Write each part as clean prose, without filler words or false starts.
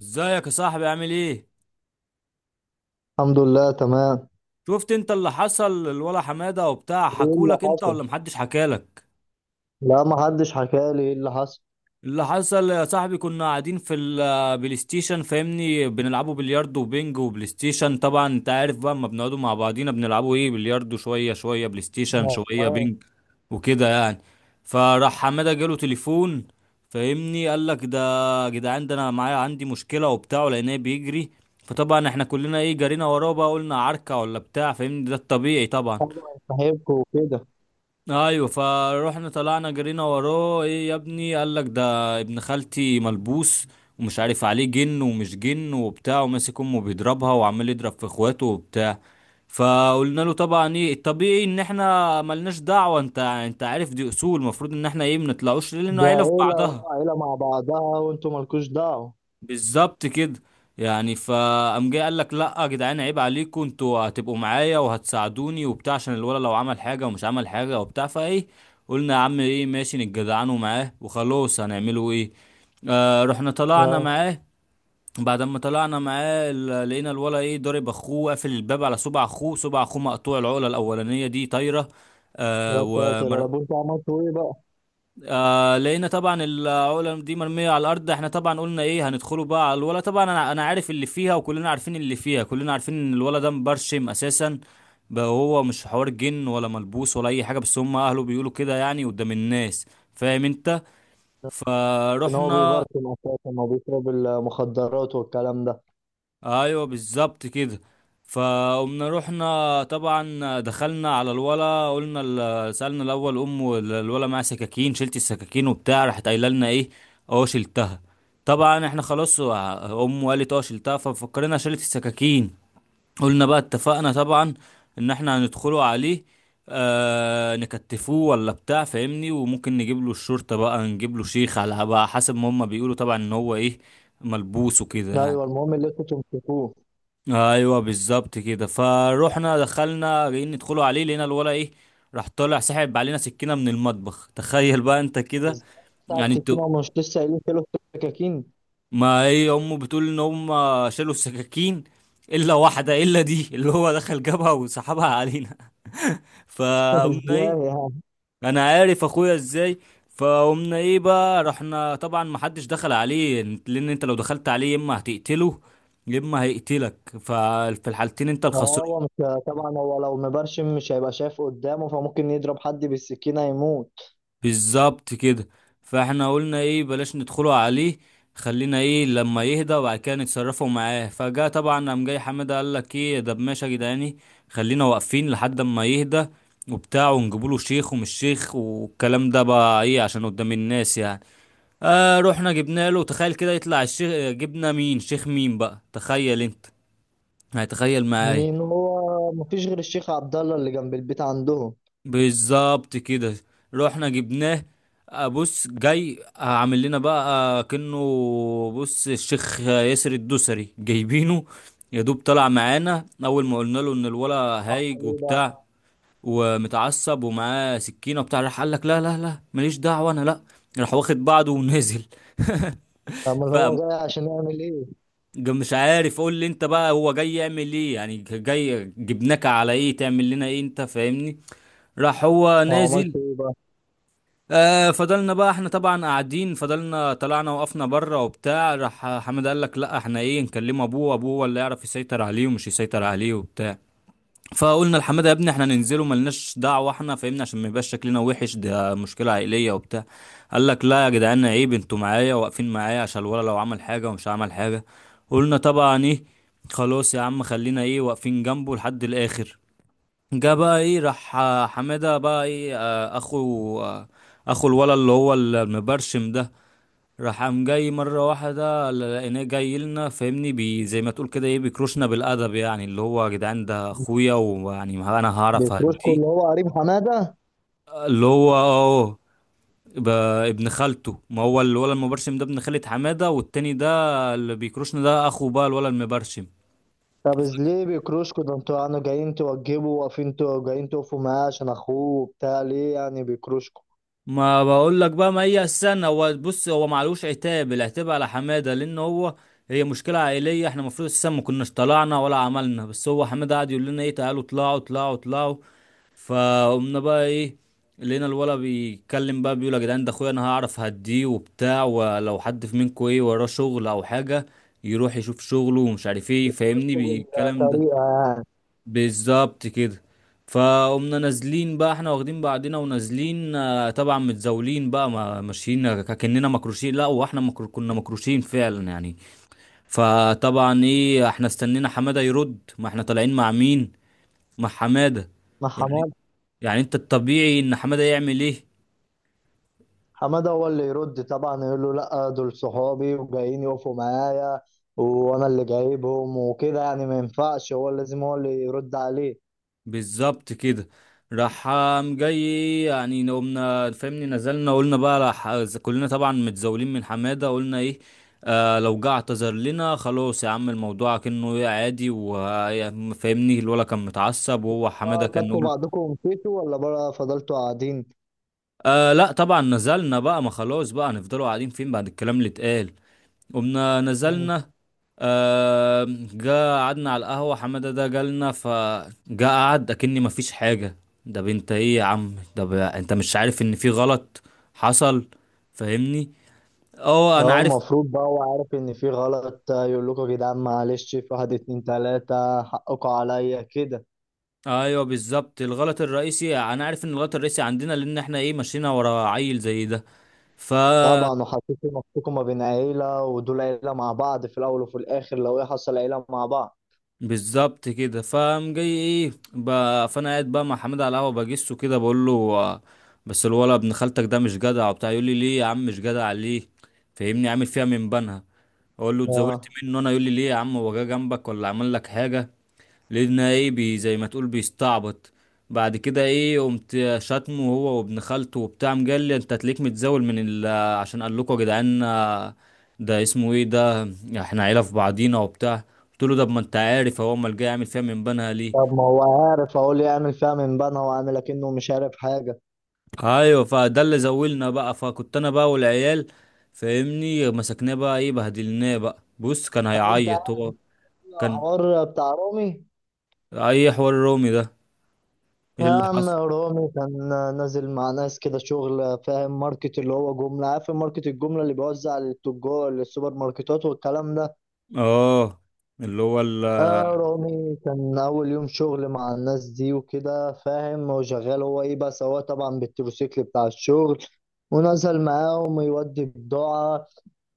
ازيك يا صاحبي؟ عامل ايه؟ الحمد لله تمام. شفت انت اللي حصل الولا حمادة وبتاع؟ ايه اللي حكولك انت حصل؟ ولا محدش حكالك؟ لا، ما حدش حكى لي ايه اللي حصل. اللي حصل يا صاحبي، كنا قاعدين في البلاي ستيشن، فاهمني، بنلعبوا بلياردو وبينج وبلاي ستيشن، طبعا انت عارف بقى، اما بنقعدوا مع بعضينا بنلعبوا ايه، بلياردو شويه، شويه بلاي ستيشن، ما- شويه بينج وكده يعني. فراح حماده جاله تليفون، فاهمني، قال لك ده: يا جدعان ده انا معايا عندي مشكله وبتاع، لان هي بيجري. فطبعا احنا كلنا ايه، جرينا وراه بقى، قلنا عركه ولا بتاع فاهمني، ده الطبيعي طبعا. طبعا، صاحبكم وكده. ايوه، فروحنا طلعنا جرينا وراه، ايه يا ابني؟ قال لك ده ابن خالتي ملبوس، ومش عارف عليه جن ومش جن وبتاع، وماسك امه بيضربها وعمال يضرب في اخواته وبتاع. فقلنا له طبعا ايه الطبيعي، ان احنا ملناش دعوة، انت عارف دي اصول، المفروض ان احنا ايه منطلعوش لان ده عيلة في عيلة بعضها. عيلة مع بعضها، وانتوا مالكوش دعوة. بالظبط كده يعني. فقام جاي قال لك: لا يا جدعان، عيب عليكم، انتوا هتبقوا معايا وهتساعدوني وبتاع، عشان الولد لو عمل حاجه ومش عمل حاجه وبتاع فايه. قلنا يا عم ايه، ماشي نتجدعنوا معاه وخلاص، هنعمله ايه. آه، رحنا طلعنا يا معاه. بعد ما طلعنا معاه، لقينا الولا ايه، ضارب اخوه، قافل الباب على صبع اخوه، صبع اخوه مقطوع، العقله الاولانيه دي طايره. آه. يا ساتر يا رب، انتوا عملتوا ايه بقى؟ آه، لقينا طبعا العقله دي مرميه على الارض. احنا طبعا قلنا ايه، هندخله بقى على الولا، طبعا انا عارف اللي فيها، وكلنا عارفين اللي فيها، كلنا عارفين ان الولا ده مبرشم اساسا. بقى هو مش حوار جن ولا ملبوس ولا اي حاجه، بس هم اهله بيقولوا كده يعني قدام الناس. فاهم انت. لكن هو فروحنا. بيبركن اساسا، ما بيشرب المخدرات والكلام ده. ايوه بالظبط كده. فقمنا رحنا طبعا دخلنا على الولا، قلنا سألنا الاول ام الولا، معاها سكاكين، شلت السكاكين وبتاع؟ راحت قايله لنا ايه: اه شلتها. طبعا احنا خلاص، امه قالت اه شلتها، ففكرنا شلت السكاكين. قلنا بقى اتفقنا طبعا ان احنا هندخله عليه، آه، نكتفوه ولا بتاع فاهمني، وممكن نجيب له الشرطة بقى، نجيب له شيخ، على بقى حسب ما هما بيقولوا طبعا ان هو ايه، ملبوس وكده ايوه، يعني. المهم اللي انتوا تمسكوه. ايوه بالظبط كده. فروحنا دخلنا جايين ندخلوا عليه، لقينا الولا ايه، راح طالع سحب علينا سكينه من المطبخ تخيل بقى انت كده. ازاي؟ بتاع يعني انتوا، السكينة؟ ومش لسه قايلين كيلو سكاكين؟ ما هي امه بتقول ان هم شالوا السكاكين، الا واحده، الا دي اللي هو دخل جابها وسحبها علينا فقمنا ايه. ازاي يعني؟ انا عارف اخويا ازاي. فقمنا ايه بقى، رحنا طبعا ما حدش دخل عليه، لان انت لو دخلت عليه يا اما هتقتله يا اما هيقتلك، ففي الحالتين انت هو الخسران. مش. طبعا، هو لو مبرشم مش هيبقى شايف قدامه، فممكن يضرب حد بالسكينة يموت. بالظبط كده. فاحنا قلنا ايه، بلاش ندخله عليه، خلينا ايه لما يهدى وبعد كده نتصرفوا معاه. فجاء طبعا قام جاي حماده، قال لك ايه ده؟ ماشي يا جدعاني، خلينا واقفين لحد ما يهدى وبتاع، ونجيبوله شيخ ومش شيخ والكلام ده بقى ايه عشان قدام الناس يعني. اه، رحنا جبنا له، تخيل كده يطلع الشيخ، جبنا مين، شيخ مين بقى، تخيل انت، هتخيل إن معايا. هو مفيش غير الشيخ عبد الله اللي جنب البيت عندهم. بالظبط كده، رحنا جبناه. بص جاي، عامل لنا بقى كأنه، بص الشيخ ياسر الدوسري جايبينه. يا دوب طلع معانا، اول ما قلنا له ان الولا هايج عمل إيه بقى؟ وبتاع ومتعصب ومعاه سكينه وبتاع، راح قال لك: لا لا لا، ماليش دعوه انا، لا. راح واخد بعضه ونازل. أمال ف هو جاي عشان يعمل إيه؟ مش عارف، قول لي انت بقى، هو جاي يعمل ايه يعني؟ جاي جبناك على ايه؟ تعمل لنا ايه انت فاهمني؟ راح هو هو عملت نازل. إيه بقى؟ آه، فضلنا بقى احنا طبعا قاعدين، فضلنا طلعنا وقفنا بره وبتاع، راح حمد قال لك: لا احنا ايه، نكلم ابوه، ابوه هو اللي يعرف يسيطر عليه ومش يسيطر عليه وبتاع. فقلنا لحماده: يا ابني احنا ننزله، ملناش دعوه، احنا فاهمنا عشان ما يبقاش شكلنا وحش، ده مشكله عائليه وبتاع. قال لك: لا يا جدعان عيب، انتوا معايا واقفين معايا عشان الولا لو عمل حاجه ومش عمل حاجه. قلنا طبعا ايه، خلاص يا عم، خلينا ايه واقفين جنبه لحد الاخر. جه بقى ايه، راح حماده بقى ايه، اخو الولد اللي هو المبرشم ده، راح قام جاي مره واحده، لقيناه جاي لنا فاهمني، بي زي ما تقول كده ايه، بيكروشنا بالادب، يعني اللي هو يا جدعان ده اخويا ويعني ما انا هعرف بيكروشكو اهديه. اللي هو قريب حمادة. اللي هو اه، ب- ابن خالته، ما هو الولد المبرشم ده ابن خالة حماده، والتاني ده اللي بيكروشنا ده اخو بقى الولد المبرشم. طب ليه بيكروشكو ده، انتوا يعني جايين توجبوا واقفين جايين تقفوا معاه عشان أخوه وبتاع، ليه يعني بيكروشكو؟ ما بقول لك بقى، ما هي السنة، هو بص، هو معلوش، عتاب العتاب على حمادة لأن هو هي مشكلة عائلية، احنا المفروض السنة ما كناش طلعنا ولا عملنا، بس هو حمادة قعد يقول لنا ايه: تعالوا اطلعوا اطلعوا اطلعوا. فقمنا بقى ايه، لقينا الولا بيتكلم بقى بيقول: يا جدعان ده اخويا انا هعرف هديه وبتاع، ولو حد في منكم ايه وراه شغل او حاجة يروح يشوف شغله ومش عارف ايه فاهمني بيكروشكو بالكلام ده. بالطريقة يعني. بالظبط كده. فقمنا نازلين بقى احنا واخدين بعضنا ونازلين، طبعا متزاولين بقى، ما ماشيين كأننا مكروشين، لا واحنا كنا مكروشين فعلا يعني. فطبعا ايه، احنا استنينا حمادة يرد، ما احنا طالعين مع مين؟ مع حمادة ما يعني. حماد يعني انت الطبيعي ان حمادة يعمل ايه. حمادة هو اللي يرد طبعا، يقول له لأ، دول صحابي وجايين يقفوا معايا، وأنا اللي جايبهم وكده يعني. ما ينفعش، هو لازم هو اللي يرد عليه. بالظبط كده. راح قام جاي يعني، قمنا فاهمني نزلنا، قلنا بقى راح كلنا طبعا متزاولين من حمادة، قلنا ايه، آه لو جه اعتذر لنا خلاص يا عم الموضوع كأنه ايه عادي، وفاهمني الولا كان متعصب، وهو حمادة بقى كان خدتوا يقول. بعضكم ومشيتوا، ولا بقى فضلتوا قاعدين؟ آه لا، طبعا نزلنا بقى، ما خلاص بقى هنفضلوا قاعدين فين بعد الكلام اللي اتقال؟ قمنا مم. نزلنا. آه. جا قعدنا على القهوة، حمادة ده جالنا، فجا قعد أكني مفيش حاجة. ده بنت ايه يا عم، انت مش عارف ان في غلط حصل فاهمني؟ اه انا اه، عارف. المفروض بقى هو عارف ان في غلط، يقول لكم يا جدعان معلش، في واحد اتنين تلاتة حقكم عليا كده. ايوه بالظبط، الغلط الرئيسي انا عارف ان الغلط الرئيسي عندنا لان احنا ايه مشينا ورا عيل زي ده. ف طبعا، وحسيتوا نفسكم ما بين عيلة، ودول عيلة مع بعض في الأول وفي الآخر، لو ايه حصل عيلة مع بعض. بالظبط كده. فقام جاي ايه بقى، فانا قاعد بقى مع حماد على القهوه بجسه كده، بقول له بس الولد ابن خالتك ده مش جدع وبتاع، يقول لي ليه يا عم مش جدع ليه فاهمني، عامل فيها من بنها. اقول له اتزوجت اه. منه انا، يقول لي ليه يا عم هو جه جنبك ولا عمل لك حاجه؟ لقينا ايه، بي زي ما تقول بيستعبط. بعد كده ايه، قمت شاتمه هو وابن خالته وبتاع، مجلي انت تليك متزاول من ال، عشان قال لكم يا جدعان ده اسمه ايه ده، احنا عيله في بعضينا وبتاع. قلت له ده ما انت عارف هو امال جاي يعمل فيها من بنها ليه. طب، ما هو عارف، اقول لي اعمل فيها من بنها، واعمل اكنه مش عارف حاجة. ايوه، فده اللي زولنا بقى، فكنت انا بقى والعيال فاهمني، مسكناه بقى ايه، بهدلناه بقى، بص كان طب، انت عارف هيعيط هو، كان. الحوار بتاع رامي؟ اي حوار رومي ده؟ ايه يا اللي عم، حصل؟ رامي كان نازل مع ناس كده شغل، فاهم؟ ماركت اللي هو جملة، عارف؟ ماركت الجملة اللي بيوزع للتجار للسوبر ماركتات والكلام ده. اه اللي هو ال، اه، رامي كان أول يوم شغل مع الناس دي وكده، فاهم؟ وشغال هو إيه، بس هو طبعا بالتروسيكل بتاع الشغل. ونزل معاهم يودي بضاعة.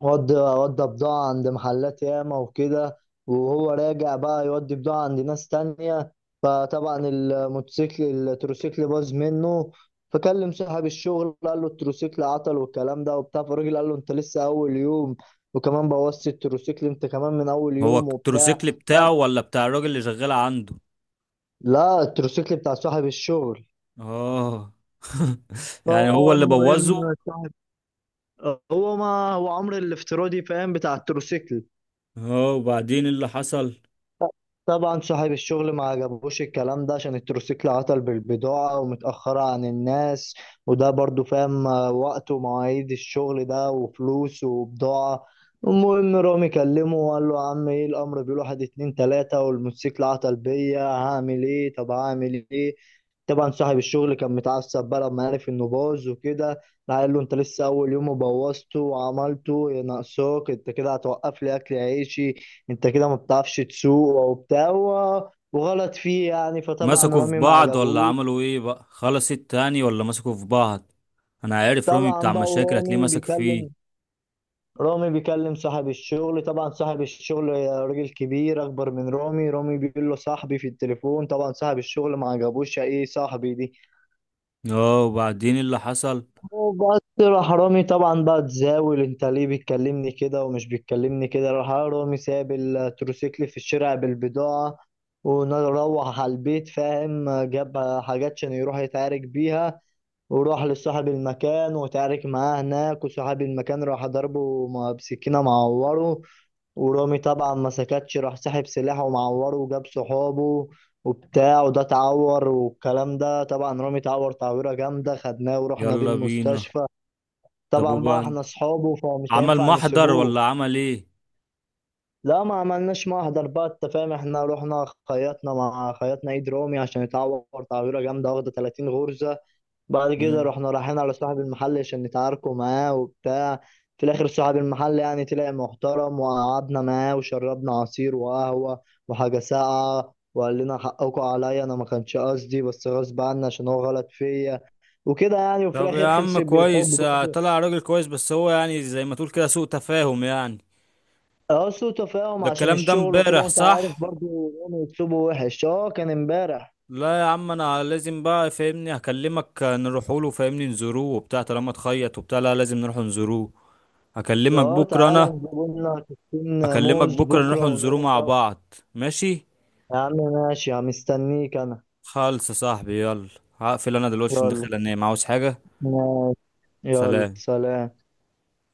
ودي بضاعة عند محلات ياما وكده. وهو راجع بقى يودي بضاعة عند ناس تانية. فطبعا التروسيكل باظ منه. فكلم صاحب الشغل، قال له التروسيكل عطل والكلام ده وبتاع. فالراجل قال له انت لسه اول يوم، وكمان بوظت التروسيكل، انت كمان من اول هو يوم وبتاع. التروسيكل بتاعه طب. ولا بتاع الراجل اللي شغال عنده؟ لا، التروسيكل بتاع صاحب الشغل. اه يعني هو اللي بوظه. فالمهم صاحب. هو ما هو عمرو الافتراضي، فاهم؟ بتاع التروسيكل. اه، وبعدين إيه اللي حصل؟ طبعا صاحب الشغل ما عجبوش الكلام ده، عشان التروسيكل عطل بالبضاعة ومتأخرة عن الناس. وده برضو فاهم وقت ومواعيد الشغل ده، وفلوس وبضاعة. المهم رامي كلمه وقال له يا عم، ايه الأمر، بيقول واحد اتنين تلاتة، والموتوسيكل عطل بيا، هعمل ايه؟ طب، هعمل ايه؟ طبعا صاحب الشغل كان متعصب بقى لما عرف انه باظ وكده. راح قال له انت لسه اول يوم وبوظته وعملته يا ناقصاك، انت كده هتوقف لي اكل عيشي، انت كده ما بتعرفش تسوق وبتاع وغلط فيه يعني. فطبعا مسكوا في رامي ما بعض ولا عجبهوش. عملوا ايه بقى، خلص التاني ولا مسكوا في بعض؟ انا عارف رامي طبعا بتاع بقى، مشاكل، هتلاقيه ورامي مسك فيه. بيكلم رامي بيكلم صاحب الشغل. طبعا صاحب الشغل راجل كبير اكبر من رامي. رامي بيقول له صاحبي في التليفون. طبعا صاحب الشغل ما عجبوش ايه صاحبي دي. اه، وبعدين إيه اللي حصل؟ وبس، راح رامي طبعا بقى تزاول، انت ليه بتكلمني كده، ومش بتكلمني كده. راح رامي ساب التروسيكل في الشارع بالبضاعة. وروح على البيت، فاهم؟ جاب حاجات عشان يروح يتعارك بيها. وراح لصاحب المكان، وتعارك معاه هناك، وصاحب المكان راح ضربه بسكينة معوره. ورامي طبعا ما سكتش، راح سحب سلاحه ومعوره، وجاب صحابه وبتاع، وده اتعور والكلام ده. طبعا رامي اتعور تعويرة جامدة، خدناه ورحنا بيه يلا بينا. المستشفى. طب طبعا بقى احنا وبعد، اصحابه، فمش عمل هينفع محضر نسيبوه. ولا عمل ايه؟ لا، ما عملناش محضر بقى، انت فاهم؟ احنا رحنا خيطنا ايد رامي عشان يتعور تعويره جامده، واخده 30 غرزه. بعد كده مم. رحنا رايحين على صاحب المحل عشان نتعاركوا معاه وبتاع. في الاخر صاحب المحل يعني طلع محترم، وقعدنا معاه وشربنا عصير وقهوه وحاجه ساقعه، وقال لنا حقكم عليا، انا ما كانش قصدي بس غصب عني عشان هو غلط فيا وكده يعني. وفي طب يا الاخر عم خلصت بالحب كويس، برضه. طلع راجل كويس، بس هو يعني زي ما تقول كده سوء تفاهم يعني. اه، سوء تفاهم ده عشان الكلام ده الشغل وكده، امبارح وانت عارف صح؟ برضو. يوم يكسبوا وحش. اه، كان امبارح. لا يا عم، انا لازم بقى فاهمني هكلمك نروح له، فاهمني نزوروه وبتاع، طالما تخيط وبتاع لا لازم نروح نزوروه. ده، هكلمك اه، بكره تعالى انا. نجيب لنا كيسين هكلمك موز بكره نروح بكرة، نزوروه ونروح مع سوا. بعض، ماشي. يا عم ماشي، يا عم مستنيك انا. خالص يا صاحبي، يلا. هقفل انا دلوقتي عشان يلا. داخل انام، عاوز حاجه؟ يلا سلام. سلام.